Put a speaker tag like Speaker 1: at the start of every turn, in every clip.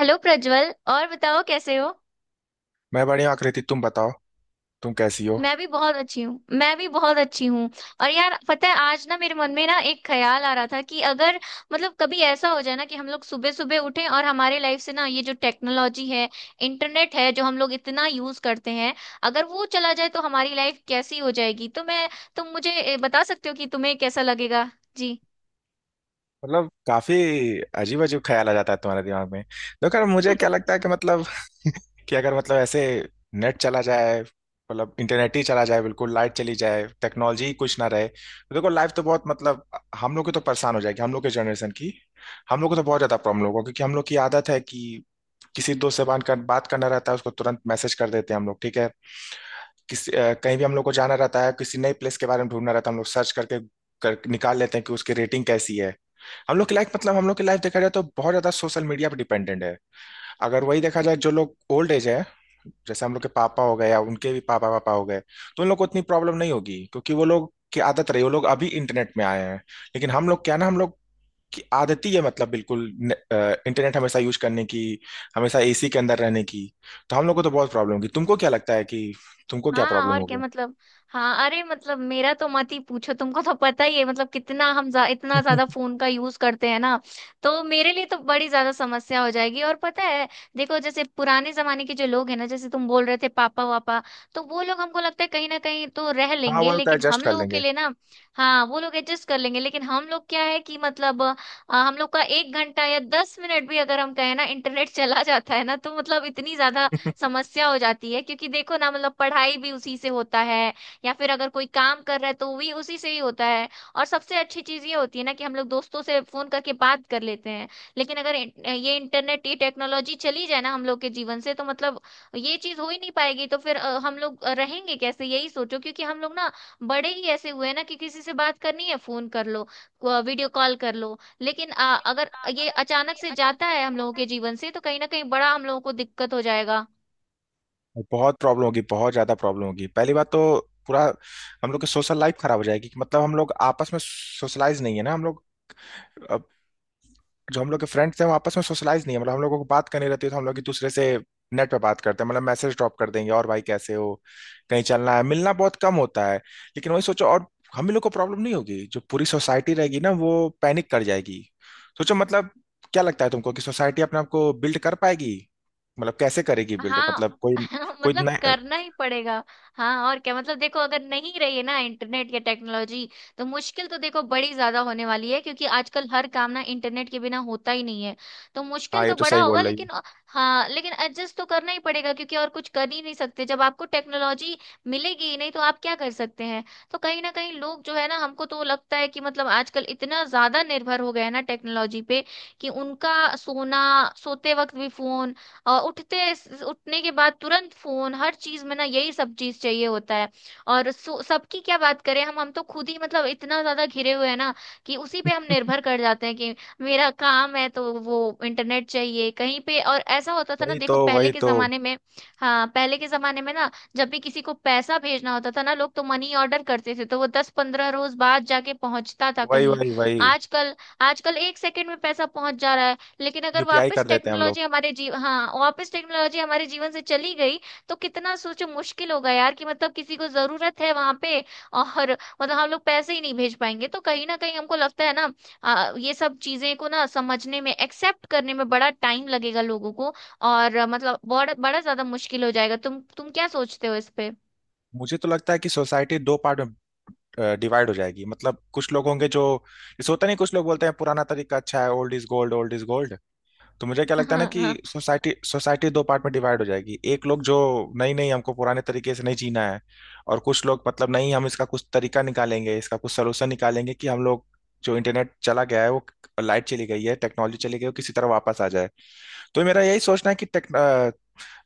Speaker 1: Hello Prajwal, और बताओ कैसे हो।
Speaker 2: मैं बढ़िया हूँ, आकृति तुम बताओ। तुम कैसी हो?
Speaker 1: मैं भी बहुत अच्छी हूँ। मैं भी बहुत अच्छी हूँ। और यार, पता है आज ना मेरे मन में ना एक ख्याल आ रहा था कि अगर मतलब कभी ऐसा हो जाए ना कि हम लोग सुबह सुबह उठें, और हमारे लाइफ से ना ये जो टेक्नोलॉजी है, इंटरनेट है जो हम लोग इतना यूज करते हैं, अगर वो चला जाए तो हमारी लाइफ कैसी हो जाएगी। तो मैं तुम मुझे बता सकते हो कि तुम्हें कैसा लगेगा। जी।
Speaker 2: मतलब काफी अजीब अजीब ख्याल आ जाता है तुम्हारे दिमाग में। देखो यार मुझे क्या लगता है कि मतलब कि अगर मतलब ऐसे नेट चला जाए, मतलब इंटरनेट ही चला जाए, बिल्कुल लाइट चली जाए, टेक्नोलॉजी ही कुछ ना रहे तो देखो लाइफ तो बहुत मतलब हम लोग की तो परेशान हो जाएगी, हम लोग के जनरेशन की। हम लोग को तो बहुत ज्यादा प्रॉब्लम होगा क्योंकि हम लोग की आदत है कि किसी दोस्त से बात करना रहता है, उसको तुरंत मैसेज कर देते हैं हम लोग, ठीक है। कहीं भी हम लोग को जाना रहता है, किसी नई प्लेस के बारे में ढूंढना रहता है, हम लोग सर्च करके निकाल लेते हैं कि उसकी रेटिंग कैसी है। हम लोग की लाइफ, मतलब हम लोग की लाइफ देखा जाए तो बहुत ज्यादा सोशल मीडिया पर डिपेंडेंट है। अगर वही देखा जाए जो लोग ओल्ड एज है, जैसे हम लोग के पापा हो गए या उनके भी पापा पापा हो गए, तो उन लोग को उतनी प्रॉब्लम नहीं होगी क्योंकि वो लोग की आदत रही, वो लोग अभी इंटरनेट में आए हैं। लेकिन हम लोग की आदत ही है, मतलब बिल्कुल इंटरनेट हमेशा यूज करने की, हमेशा एसी के अंदर रहने की। तो हम लोग को तो बहुत प्रॉब्लम होगी। तुमको क्या लगता है कि तुमको क्या
Speaker 1: हाँ,
Speaker 2: प्रॉब्लम
Speaker 1: और क्या
Speaker 2: होगा?
Speaker 1: मतलब। हाँ, अरे मतलब मेरा तो मत ही पूछो, तुमको तो पता ही है मतलब कितना इतना ज्यादा फोन का यूज करते हैं ना। तो मेरे लिए तो बड़ी ज्यादा समस्या हो जाएगी। और पता है, देखो जैसे पुराने जमाने के जो लोग हैं ना, जैसे तुम बोल रहे थे पापा वापा, तो वो लोग हमको लगता है कहीं ना कहीं तो रह
Speaker 2: हाँ,
Speaker 1: लेंगे,
Speaker 2: वो तो
Speaker 1: लेकिन
Speaker 2: एडजस्ट
Speaker 1: हम
Speaker 2: कर
Speaker 1: लोगों के
Speaker 2: लेंगे।
Speaker 1: लिए ना। हाँ, वो लोग एडजस्ट कर लेंगे, लेकिन हम लोग क्या है कि मतलब हम लोग का 1 घंटा या 10 मिनट भी अगर हम कहें ना इंटरनेट चला जाता है ना, तो मतलब इतनी ज्यादा समस्या हो जाती है। क्योंकि देखो ना, मतलब पढ़ाई भी उसी से होता है, या फिर अगर कोई काम कर रहा है तो वो भी उसी से ही होता है। और सबसे अच्छी चीज ये होती है ना कि हम लोग दोस्तों से फोन करके बात कर लेते हैं, लेकिन अगर ये इंटरनेट, ये टेक्नोलॉजी चली जाए ना हम लोग के जीवन से, तो मतलब ये चीज हो ही नहीं पाएगी। तो फिर हम लोग रहेंगे कैसे, यही सोचो। क्योंकि हम लोग ना बड़े ही ऐसे हुए हैं ना कि किसी से बात करनी है फोन कर लो, वीडियो कॉल कर लो। लेकिन अगर ये अचानक से जाता है हम लोगों के जीवन से, तो कहीं ना कहीं बड़ा हम लोगों को दिक्कत हो जाएगा।
Speaker 2: बहुत प्रॉब्लम होगी, बहुत ज्यादा प्रॉब्लम होगी। पहली बात तो पूरा हम लोग की सोशल लाइफ खराब हो जाएगी कि मतलब हम लोग आपस में सोशलाइज नहीं है ना, हम लोग जो हम लोग के फ्रेंड थे वो आपस में सोशलाइज नहीं है। मतलब हम लोगों को बात करनी रहती है तो हम लोग एक दूसरे से नेट पे बात करते हैं, मतलब मैसेज ड्रॉप कर देंगे और भाई कैसे हो, कहीं चलना है, मिलना बहुत कम होता है। लेकिन वही सोचो, और हम ही लोग को प्रॉब्लम नहीं होगी, जो पूरी सोसाइटी रहेगी ना वो पैनिक कर जाएगी। सोचो मतलब। क्या लगता है तुमको कि सोसाइटी अपने आप को बिल्ड कर पाएगी? मतलब कैसे करेगी बिल्ड,
Speaker 1: हाँ।
Speaker 2: मतलब कोई कोई
Speaker 1: मतलब
Speaker 2: नया।
Speaker 1: करना ही पड़ेगा। हाँ, और क्या मतलब, देखो अगर नहीं रही है ना इंटरनेट या टेक्नोलॉजी, तो मुश्किल तो देखो बड़ी ज्यादा होने वाली है, क्योंकि आजकल हर काम ना इंटरनेट के बिना होता ही नहीं है। तो मुश्किल
Speaker 2: हाँ, ये
Speaker 1: तो
Speaker 2: तो
Speaker 1: बड़ा
Speaker 2: सही
Speaker 1: होगा,
Speaker 2: बोल रही हूँ।
Speaker 1: लेकिन हाँ लेकिन एडजस्ट तो करना ही पड़ेगा, क्योंकि और कुछ कर ही नहीं सकते। जब आपको टेक्नोलॉजी मिलेगी ही नहीं तो आप क्या कर सकते हैं। तो कहीं ना कहीं लोग जो है ना, हमको तो लगता है कि मतलब आजकल इतना ज्यादा निर्भर हो गए हैं ना टेक्नोलॉजी पे, कि उनका सोना, सोते वक्त भी फोन, और उठते उठने के बाद तुरंत फोन, हर चीज में ना यही सब चीज चाहिए होता है। और सबकी क्या बात करें, हम तो खुद ही मतलब इतना ज्यादा घिरे हुए हैं ना, कि उसी पे हम निर्भर कर जाते हैं। कि मेरा काम है तो वो इंटरनेट चाहिए कहीं पे। और ऐसा होता था ना
Speaker 2: वही तो,
Speaker 1: देखो पहले
Speaker 2: वही
Speaker 1: के
Speaker 2: तो।
Speaker 1: जमाने में। हाँ, पहले के जमाने में ना, जब भी किसी को पैसा भेजना होता था ना लोग तो मनी ऑर्डर करते थे, तो वो 10-15 रोज बाद जाके पहुंचता था
Speaker 2: वही,
Speaker 1: कहीं।
Speaker 2: वही, वही।
Speaker 1: आजकल आजकल 1 सेकंड में पैसा पहुंच जा रहा है। लेकिन अगर
Speaker 2: यूपीआई
Speaker 1: वापस
Speaker 2: कर देते हैं हम लोग।
Speaker 1: टेक्नोलॉजी हमारे जीव हाँ, वापस टेक्नोलॉजी हमारे जीवन से चली गई, तो कितना सोचो मुश्किल होगा यार। कि मतलब किसी को जरूरत है वहां पे, और मतलब हम लोग पैसे ही नहीं भेज पाएंगे। तो कहीं ना कहीं हमको लगता है ना ये सब चीजें को ना समझने में, एक्सेप्ट करने में बड़ा टाइम लगेगा लोगों को। और मतलब बड़ा बड़ा ज्यादा मुश्किल हो जाएगा। तुम क्या सोचते हो इस पे।
Speaker 2: मुझे तो लगता है कि सोसाइटी दो पार्ट में डिवाइड हो जाएगी, मतलब कुछ लोग होंगे जो जैसे होता नहीं, कुछ लोग बोलते हैं पुराना तरीका अच्छा है, old is gold, old is gold. तो मुझे क्या लगता है ना कि सोसाइटी सोसाइटी दो पार्ट में डिवाइड हो जाएगी, एक लोग जो नहीं नहीं हमको पुराने तरीके से नहीं जीना है, और कुछ लोग मतलब नहीं, हम इसका कुछ तरीका निकालेंगे, इसका कुछ सोल्यूशन निकालेंगे कि हम लोग जो इंटरनेट चला गया है वो, लाइट चली गई है, टेक्नोलॉजी चली गई है, वो किसी तरह वापस आ जाए। तो मेरा यही सोचना है कि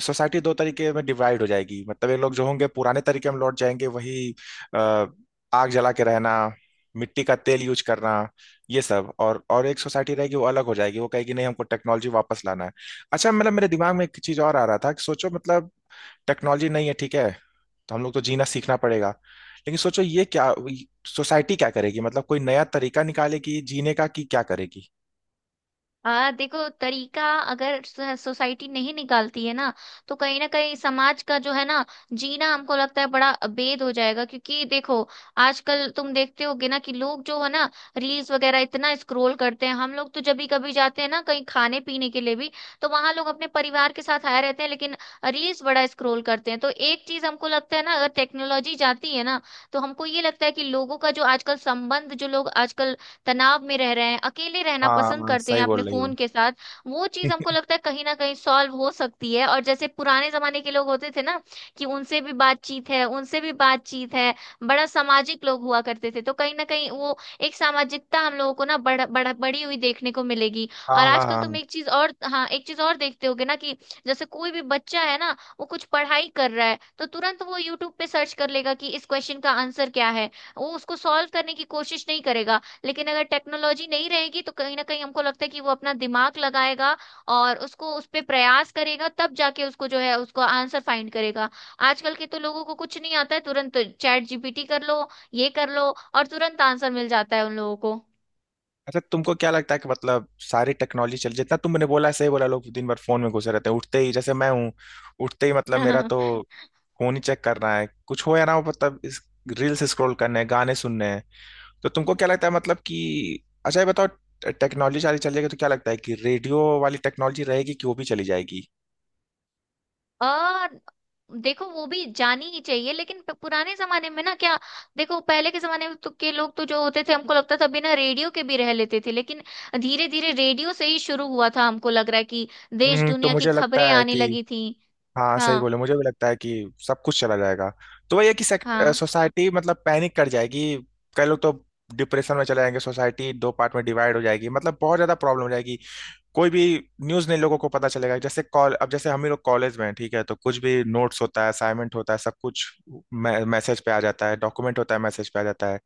Speaker 2: सोसाइटी दो तरीके में डिवाइड हो जाएगी, मतलब ये लोग जो होंगे पुराने तरीके में लौट जाएंगे, वही अ, आग जला के रहना, मिट्टी का तेल यूज करना, ये सब, और एक सोसाइटी रहेगी वो अलग हो जाएगी, वो कहेगी नहीं हमको टेक्नोलॉजी वापस लाना है। अच्छा मतलब मेरे दिमाग में एक चीज और आ रहा था कि सोचो मतलब टेक्नोलॉजी नहीं है, ठीक है, तो हम लोग तो जीना सीखना पड़ेगा। लेकिन सोचो ये क्या, सोसाइटी क्या करेगी, मतलब कोई नया तरीका निकालेगी जीने का, कि क्या करेगी?
Speaker 1: हाँ, देखो तरीका, अगर सोसाइटी नहीं निकालती है ना, तो कहीं ना कहीं समाज का जो है ना जीना हमको लगता है बड़ा अबेद हो जाएगा। क्योंकि देखो, आजकल तुम देखते होगे ना कि लोग जो है ना रील्स वगैरह इतना स्क्रोल करते हैं। हम लोग तो जब भी कभी जाते हैं ना कहीं खाने पीने के लिए भी, तो वहां लोग अपने परिवार के साथ आए रहते हैं, लेकिन रील्स बड़ा स्क्रोल करते हैं। तो एक चीज हमको लगता है ना, अगर टेक्नोलॉजी जाती है ना तो हमको ये लगता है कि लोगों का जो आजकल संबंध, जो लोग आजकल तनाव में रह रहे हैं, अकेले रहना
Speaker 2: हाँ
Speaker 1: पसंद
Speaker 2: हाँ,
Speaker 1: करते हैं
Speaker 2: सही
Speaker 1: अपने
Speaker 2: बोल रही हो।
Speaker 1: फोन के साथ, वो चीज हमको लगता है कहीं ना कहीं सॉल्व हो सकती है। और जैसे पुराने जमाने के लोग होते थे ना कि उनसे भी बातचीत है। बड़ा सामाजिक लोग हुआ करते थे। तो कहीं ना कहीं वो एक सामाजिकता हम लोगों को ना बड़, बड़, बड़ी हुई देखने को मिलेगी।
Speaker 2: हाँ
Speaker 1: और
Speaker 2: हाँ
Speaker 1: आजकल तुम
Speaker 2: हाँ।
Speaker 1: एक चीज और देखते होगे ना, कि जैसे कोई भी बच्चा है ना, वो कुछ पढ़ाई कर रहा है तो तुरंत वो यूट्यूब पे सर्च कर लेगा कि इस क्वेश्चन का आंसर क्या है, वो उसको सॉल्व करने की कोशिश नहीं करेगा। लेकिन अगर टेक्नोलॉजी नहीं रहेगी तो कहीं ना कहीं हमको लगता है कि वो अपना दिमाग लगाएगा और उसको उस पे प्रयास करेगा, तब जाके उसको जो है उसको आंसर फाइंड करेगा। आजकल के तो लोगों को कुछ नहीं आता है, तुरंत चैट जीपीटी कर लो, ये कर लो और तुरंत आंसर मिल जाता है उन लोगों
Speaker 2: अच्छा तुमको क्या लगता है कि मतलब सारी टेक्नोलॉजी चल, जितना तुमने बोला है, सही बोला, लोग दिन भर फोन में घुसे रहते हैं, उठते ही जैसे मैं हूँ, उठते ही मतलब मेरा
Speaker 1: को।
Speaker 2: तो फोन ही चेक करना है, कुछ हो या ना हो, मतलब इस रील्स स्क्रॉल करने हैं, गाने सुनने हैं। तो तुमको क्या लगता है मतलब कि, अच्छा ये बताओ, टेक्नोलॉजी सारी चल जाएगी तो क्या लगता है कि रेडियो वाली टेक्नोलॉजी रहेगी कि वो भी चली जाएगी?
Speaker 1: आ, देखो वो भी जानी ही चाहिए, लेकिन पुराने जमाने में ना क्या, देखो पहले के जमाने में तो के लोग तो जो होते थे हमको लगता था बिना रेडियो के भी रह लेते थे, लेकिन धीरे धीरे रेडियो से ही शुरू हुआ था हमको लग रहा है कि देश
Speaker 2: हम्म, तो
Speaker 1: दुनिया की
Speaker 2: मुझे लगता
Speaker 1: खबरें
Speaker 2: है
Speaker 1: आने
Speaker 2: कि,
Speaker 1: लगी थी।
Speaker 2: हाँ सही
Speaker 1: हाँ,
Speaker 2: बोले, मुझे भी लगता है कि सब कुछ चला जाएगा। तो वही है कि
Speaker 1: हाँ।
Speaker 2: सोसाइटी मतलब पैनिक कर जाएगी, कई लोग तो डिप्रेशन में चले जाएंगे, सोसाइटी दो पार्ट में डिवाइड हो जाएगी, मतलब बहुत ज्यादा प्रॉब्लम हो जाएगी, कोई भी न्यूज नहीं लोगों को पता चलेगा। जैसे कॉल, अब जैसे हम ही लोग कॉलेज में हैं, ठीक है, तो कुछ भी नोट्स होता है, असाइनमेंट होता है, सब कुछ मैसेज पे आ जाता है, डॉक्यूमेंट होता है मैसेज पे आ जाता है।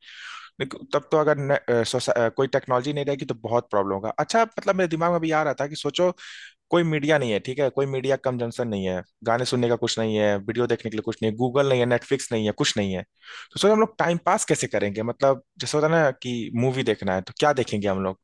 Speaker 2: लेकिन तब तो अगर न, अ, सोसा- अ, कोई टेक्नोलॉजी नहीं रहेगी तो बहुत प्रॉब्लम होगा। अच्छा मतलब मेरे दिमाग में भी आ रहा था कि सोचो कोई मीडिया नहीं है, ठीक है, कोई मीडिया कंजम्पशन नहीं है, गाने सुनने का कुछ नहीं है, वीडियो देखने के लिए कुछ नहीं है, गूगल नहीं है, नेटफ्लिक्स नहीं है, कुछ नहीं है। तो सर हम लोग टाइम पास कैसे करेंगे? मतलब जैसे होता है ना कि मूवी देखना है तो क्या देखेंगे हम लोग,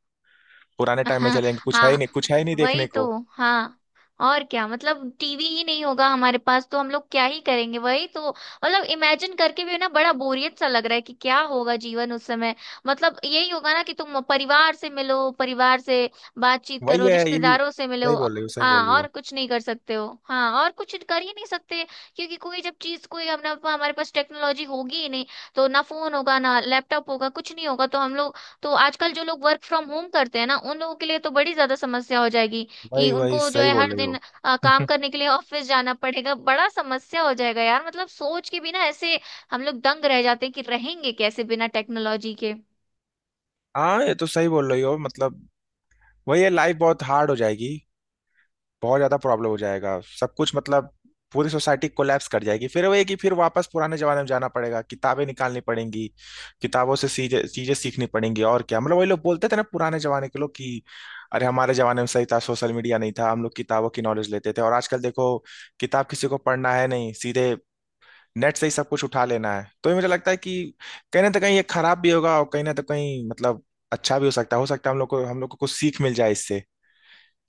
Speaker 2: पुराने टाइम में चलेंगे, कुछ है ही
Speaker 1: हाँ,
Speaker 2: नहीं, कुछ है ही नहीं
Speaker 1: वही
Speaker 2: देखने
Speaker 1: तो।
Speaker 2: को।
Speaker 1: हाँ, और क्या मतलब, टीवी ही नहीं होगा हमारे पास तो हम लोग क्या ही करेंगे। वही तो, मतलब इमेजिन करके भी ना बड़ा बोरियत सा लग रहा है कि क्या होगा जीवन उस समय। मतलब यही होगा ना कि तुम परिवार से मिलो, परिवार से बातचीत
Speaker 2: वही
Speaker 1: करो,
Speaker 2: है, यही।
Speaker 1: रिश्तेदारों से
Speaker 2: सही
Speaker 1: मिलो।
Speaker 2: बोल रही हो, सही
Speaker 1: हाँ,
Speaker 2: बोल रही हो।
Speaker 1: और कुछ नहीं कर सकते हो। हाँ, और कुछ कर ही नहीं सकते, क्योंकि कोई जब चीज कोई हम ना हमारे पास टेक्नोलॉजी होगी ही नहीं, तो ना फोन होगा ना लैपटॉप होगा, कुछ नहीं होगा। तो हम लोग, तो आजकल जो लोग वर्क फ्रॉम होम करते हैं ना उन लोगों के लिए तो बड़ी ज्यादा समस्या हो जाएगी। कि
Speaker 2: वही वही,
Speaker 1: उनको जो
Speaker 2: सही
Speaker 1: है
Speaker 2: बोल
Speaker 1: हर
Speaker 2: रही हो।
Speaker 1: दिन काम करने के लिए ऑफिस जाना पड़ेगा, बड़ा समस्या हो जाएगा यार। मतलब सोच के भी ना ऐसे हम लोग दंग रह जाते हैं कि रहेंगे कैसे बिना टेक्नोलॉजी के।
Speaker 2: हाँ, ये तो सही बोल रही हो मतलब वही है, लाइफ बहुत हार्ड हो जाएगी, बहुत ज्यादा प्रॉब्लम हो जाएगा सब कुछ, मतलब पूरी सोसाइटी कोलैप्स कर जाएगी, फिर वो एक ही फिर वापस पुराने जमाने में जाना पड़ेगा, किताबें निकालनी पड़ेंगी, किताबों से चीजें चीजें सीखनी पड़ेंगी, और क्या मतलब वही लोग बोलते थे ना पुराने जमाने के लोग कि अरे हमारे जमाने में सही था, सोशल मीडिया नहीं था, हम लोग किताबों की नॉलेज लेते थे, और आजकल देखो किताब किसी को पढ़ना है नहीं, सीधे नेट से ही सब कुछ उठा लेना है। तो ये मुझे लगता है कि कहीं ना तो कहीं ये खराब भी होगा, और कहीं ना तो कहीं मतलब अच्छा भी हो सकता है, हो सकता है हम लोग को, हम लोग को कुछ सीख मिल जाए इससे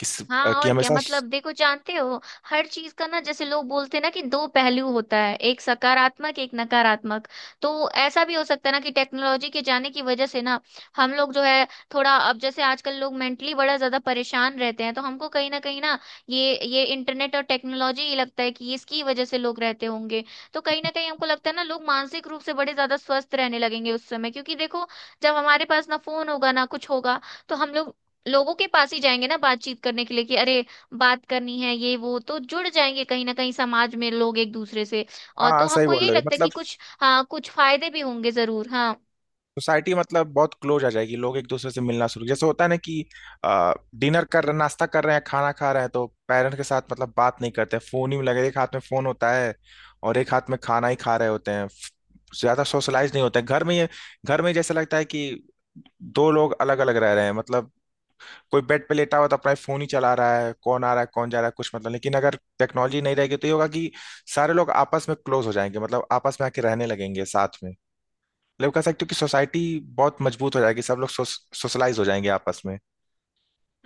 Speaker 1: हाँ,
Speaker 2: कि
Speaker 1: और क्या
Speaker 2: हमेशा।
Speaker 1: मतलब, देखो जानते हो, हर चीज का ना जैसे लोग बोलते हैं ना कि दो पहलू होता है, एक सकारात्मक, एक नकारात्मक। तो ऐसा भी हो सकता है ना कि टेक्नोलॉजी के जाने की वजह से ना, हम लोग जो है थोड़ा, अब जैसे आजकल लोग मेंटली बड़ा ज्यादा परेशान रहते हैं, तो हमको कहीं ना ये इंटरनेट और टेक्नोलॉजी ही लगता है कि इसकी वजह से लोग रहते होंगे। तो कहीं ना कहीं हमको लगता है ना लोग मानसिक रूप से बड़े ज्यादा स्वस्थ रहने लगेंगे उस समय, क्योंकि देखो जब हमारे पास ना फोन होगा ना कुछ होगा, तो हम लोग लोगों के पास ही जाएंगे ना बातचीत करने के लिए कि अरे बात करनी है ये वो, तो जुड़ जाएंगे कहीं ना कहीं समाज में लोग एक दूसरे से।
Speaker 2: हाँ
Speaker 1: और
Speaker 2: हाँ,
Speaker 1: तो
Speaker 2: सही
Speaker 1: हमको
Speaker 2: बोल
Speaker 1: यही
Speaker 2: रहे हो
Speaker 1: लगता है
Speaker 2: मतलब
Speaker 1: कि कुछ, हाँ, कुछ फायदे भी होंगे जरूर। हाँ,
Speaker 2: सोसाइटी मतलब बहुत क्लोज आ जाएगी, लोग एक दूसरे से मिलना शुरू, जैसे होता है ना कि डिनर कर रहे, नाश्ता कर रहे हैं, खाना खा रहे हैं तो पेरेंट्स के साथ मतलब बात नहीं करते, फोन ही में लगे, एक हाथ में फोन होता है और एक हाथ में खाना ही खा रहे होते हैं, ज्यादा सोशलाइज नहीं होते हैं घर में, ये घर में जैसा लगता है कि दो लोग अलग अलग रह रहे हैं, मतलब कोई बेड पे लेटा हुआ तो अपना फोन ही चला रहा है, कौन आ रहा है, कौन जा रहा है, कुछ मतलब, लेकिन अगर टेक्नोलॉजी नहीं रहेगी तो ये होगा कि सारे लोग आपस में क्लोज हो जाएंगे, मतलब आपस में आके रहने लगेंगे साथ में, मतलब कह सकते हो कि सोसाइटी बहुत मजबूत हो जाएगी, सब लोग सोशलाइज हो जाएंगे आपस में।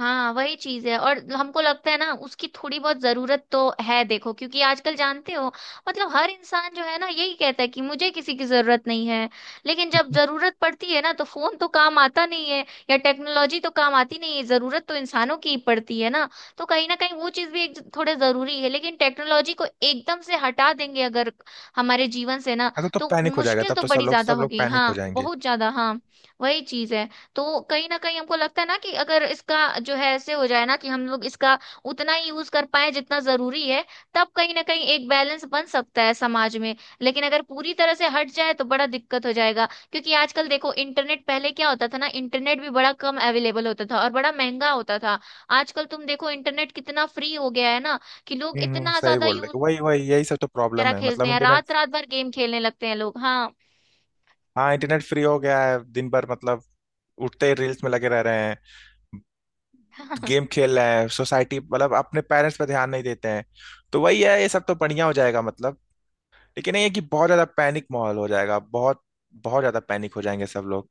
Speaker 1: हाँ, वही चीज है। और हमको लगता है ना उसकी थोड़ी बहुत जरूरत तो है, देखो क्योंकि आजकल जानते हो, मतलब हर इंसान जो है ना यही कहता है कि मुझे किसी की जरूरत नहीं है, लेकिन जब जरूरत पड़ती है ना तो फोन तो काम आता नहीं है, या टेक्नोलॉजी तो काम आती नहीं है, जरूरत तो इंसानों की ही पड़ती है ना। तो कहीं ना कहीं वो चीज भी एक थोड़े जरूरी है। लेकिन टेक्नोलॉजी को एकदम से हटा देंगे अगर हमारे जीवन से ना,
Speaker 2: अरे तो
Speaker 1: तो
Speaker 2: पैनिक हो जाएगा
Speaker 1: मुश्किल
Speaker 2: तब
Speaker 1: तो
Speaker 2: तो,
Speaker 1: बड़ी ज्यादा
Speaker 2: सब लोग
Speaker 1: होगी।
Speaker 2: पैनिक
Speaker 1: हाँ,
Speaker 2: हो जाएंगे।
Speaker 1: बहुत ज्यादा। हाँ, वही चीज है। तो कहीं ना कहीं हमको लगता है ना कि अगर इसका जो है ऐसे हो जाए ना कि हम लोग इसका उतना ही यूज कर पाए जितना जरूरी है, तब कहीं ना कहीं एक बैलेंस बन सकता है समाज में। लेकिन अगर पूरी तरह से हट जाए तो बड़ा दिक्कत हो जाएगा। क्योंकि आजकल देखो, इंटरनेट पहले क्या होता था ना, इंटरनेट भी बड़ा कम अवेलेबल होता था और बड़ा महंगा होता था। आजकल तुम देखो इंटरनेट कितना फ्री हो गया है ना, कि लोग इतना
Speaker 2: सही
Speaker 1: ज्यादा
Speaker 2: बोल रहे
Speaker 1: यूज,
Speaker 2: हो। वही वही, यही सब तो प्रॉब्लम है
Speaker 1: खेलते
Speaker 2: मतलब
Speaker 1: हैं
Speaker 2: इंटरनेट।
Speaker 1: रात रात भर गेम खेलने लगते हैं लोग। हाँ।
Speaker 2: हाँ, इंटरनेट फ्री हो गया है, दिन भर मतलब उठते ही रील्स में लगे रह रहे हैं, गेम खेल रहे हैं, सोसाइटी मतलब अपने पेरेंट्स पर ध्यान नहीं देते हैं। तो वही है, ये सब तो बढ़िया हो जाएगा मतलब, लेकिन ये है कि बहुत ज्यादा पैनिक माहौल हो जाएगा, बहुत बहुत ज्यादा पैनिक हो जाएंगे सब लोग।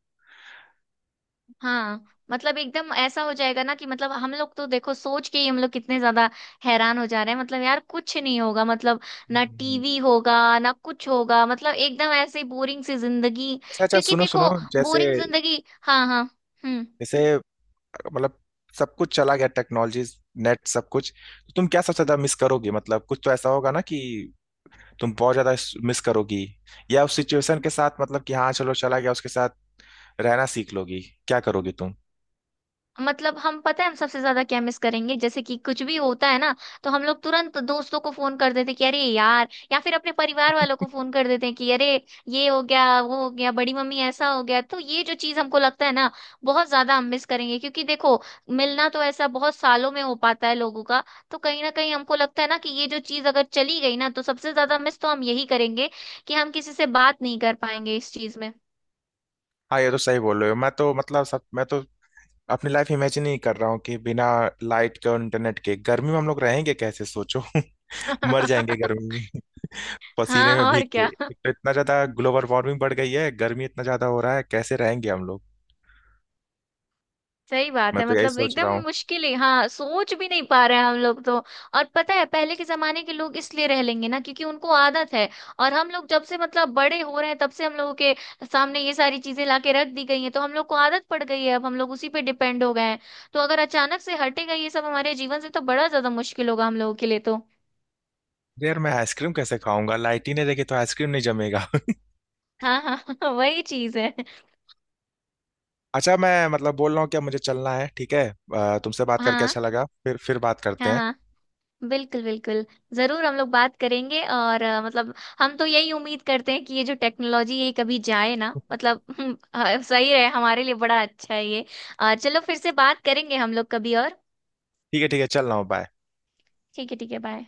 Speaker 1: हाँ, मतलब एकदम ऐसा हो जाएगा ना कि मतलब हम लोग तो देखो सोच के ही हम लोग कितने ज्यादा हैरान हो जा रहे हैं। मतलब यार कुछ नहीं होगा, मतलब ना
Speaker 2: हम्म।
Speaker 1: टीवी होगा ना कुछ होगा, मतलब एकदम ऐसे बोरिंग सी जिंदगी,
Speaker 2: अच्छा अच्छा,
Speaker 1: क्योंकि
Speaker 2: सुनो सुनो।
Speaker 1: देखो
Speaker 2: जैसे
Speaker 1: बोरिंग जिंदगी। हाँ, हाँ, हम्म।
Speaker 2: जैसे मतलब सब कुछ चला गया, टेक्नोलॉजी, नेट सब कुछ, तो तुम क्या सबसे ज्यादा मिस करोगी? मतलब कुछ तो ऐसा होगा ना कि तुम बहुत ज्यादा मिस करोगी, या उस सिचुएशन के साथ मतलब कि हाँ चलो चला गया, उसके साथ रहना सीख लोगी, क्या करोगी तुम?
Speaker 1: मतलब हम पता है हम सबसे ज्यादा क्या मिस करेंगे, जैसे कि कुछ भी होता है ना तो हम लोग तुरंत दोस्तों को फोन कर देते हैं कि अरे यार, या फिर अपने परिवार वालों को फोन कर देते हैं कि अरे ये हो गया वो हो गया, बड़ी मम्मी ऐसा हो गया, तो ये जो चीज हमको लगता है ना बहुत ज्यादा हम मिस करेंगे। क्योंकि देखो मिलना तो ऐसा बहुत सालों में हो पाता है लोगों का। तो कहीं ना कहीं हमको लगता है ना कि ये जो चीज अगर चली गई ना, तो सबसे ज्यादा मिस तो हम यही करेंगे कि हम किसी से बात नहीं कर पाएंगे इस चीज में।
Speaker 2: हाँ ये तो सही बोल रहे हो, मैं तो मतलब सब, मैं तो अपनी लाइफ इमेजिन ही कर रहा हूँ कि बिना लाइट के और इंटरनेट के गर्मी में हम लोग रहेंगे कैसे, सोचो। मर जाएंगे गर्मी में, पसीने
Speaker 1: हाँ,
Speaker 2: में भीग
Speaker 1: और
Speaker 2: के,
Speaker 1: क्या,
Speaker 2: एक तो इतना ज्यादा ग्लोबल वार्मिंग बढ़ गई है, गर्मी इतना ज्यादा हो रहा है, कैसे रहेंगे हम लोग।
Speaker 1: सही बात
Speaker 2: मैं
Speaker 1: है।
Speaker 2: तो यही
Speaker 1: मतलब
Speaker 2: सोच
Speaker 1: एकदम
Speaker 2: रहा हूँ।
Speaker 1: मुश्किल है। हाँ, सोच भी नहीं पा रहे हैं हम लोग तो। और पता है पहले के जमाने के लोग इसलिए रह लेंगे ना क्योंकि उनको आदत है, और हम लोग जब से मतलब बड़े हो रहे हैं तब से हम लोगों के सामने ये सारी चीजें लाके रख दी गई हैं, तो हम लोग को आदत पड़ गई है अब हम लोग उसी पे डिपेंड हो गए हैं। तो अगर अचानक से हटेगा ये सब हमारे जीवन से, तो बड़ा ज्यादा मुश्किल होगा हम लोगों के लिए तो।
Speaker 2: यार मैं आइसक्रीम कैसे खाऊंगा, लाइटिन है देखिए तो आइसक्रीम नहीं जमेगा।
Speaker 1: हाँ, हाँ। वही चीज है।
Speaker 2: अच्छा मैं मतलब बोल रहा हूँ कि अब मुझे चलना है, ठीक है, तुमसे बात करके
Speaker 1: हाँ,
Speaker 2: अच्छा लगा, फिर बात करते
Speaker 1: हाँ,
Speaker 2: हैं।
Speaker 1: हाँ, बिल्कुल बिल्कुल, जरूर हम लोग बात करेंगे। और मतलब हम तो यही उम्मीद करते हैं कि ये जो टेक्नोलॉजी ये कभी जाए ना मतलब। सही है हमारे लिए, बड़ा अच्छा है ये। चलो फिर से बात करेंगे हम लोग कभी और।
Speaker 2: ठीक है ठीक है, चल रहा हूँ, बाय।
Speaker 1: ठीक है, ठीक है, बाय।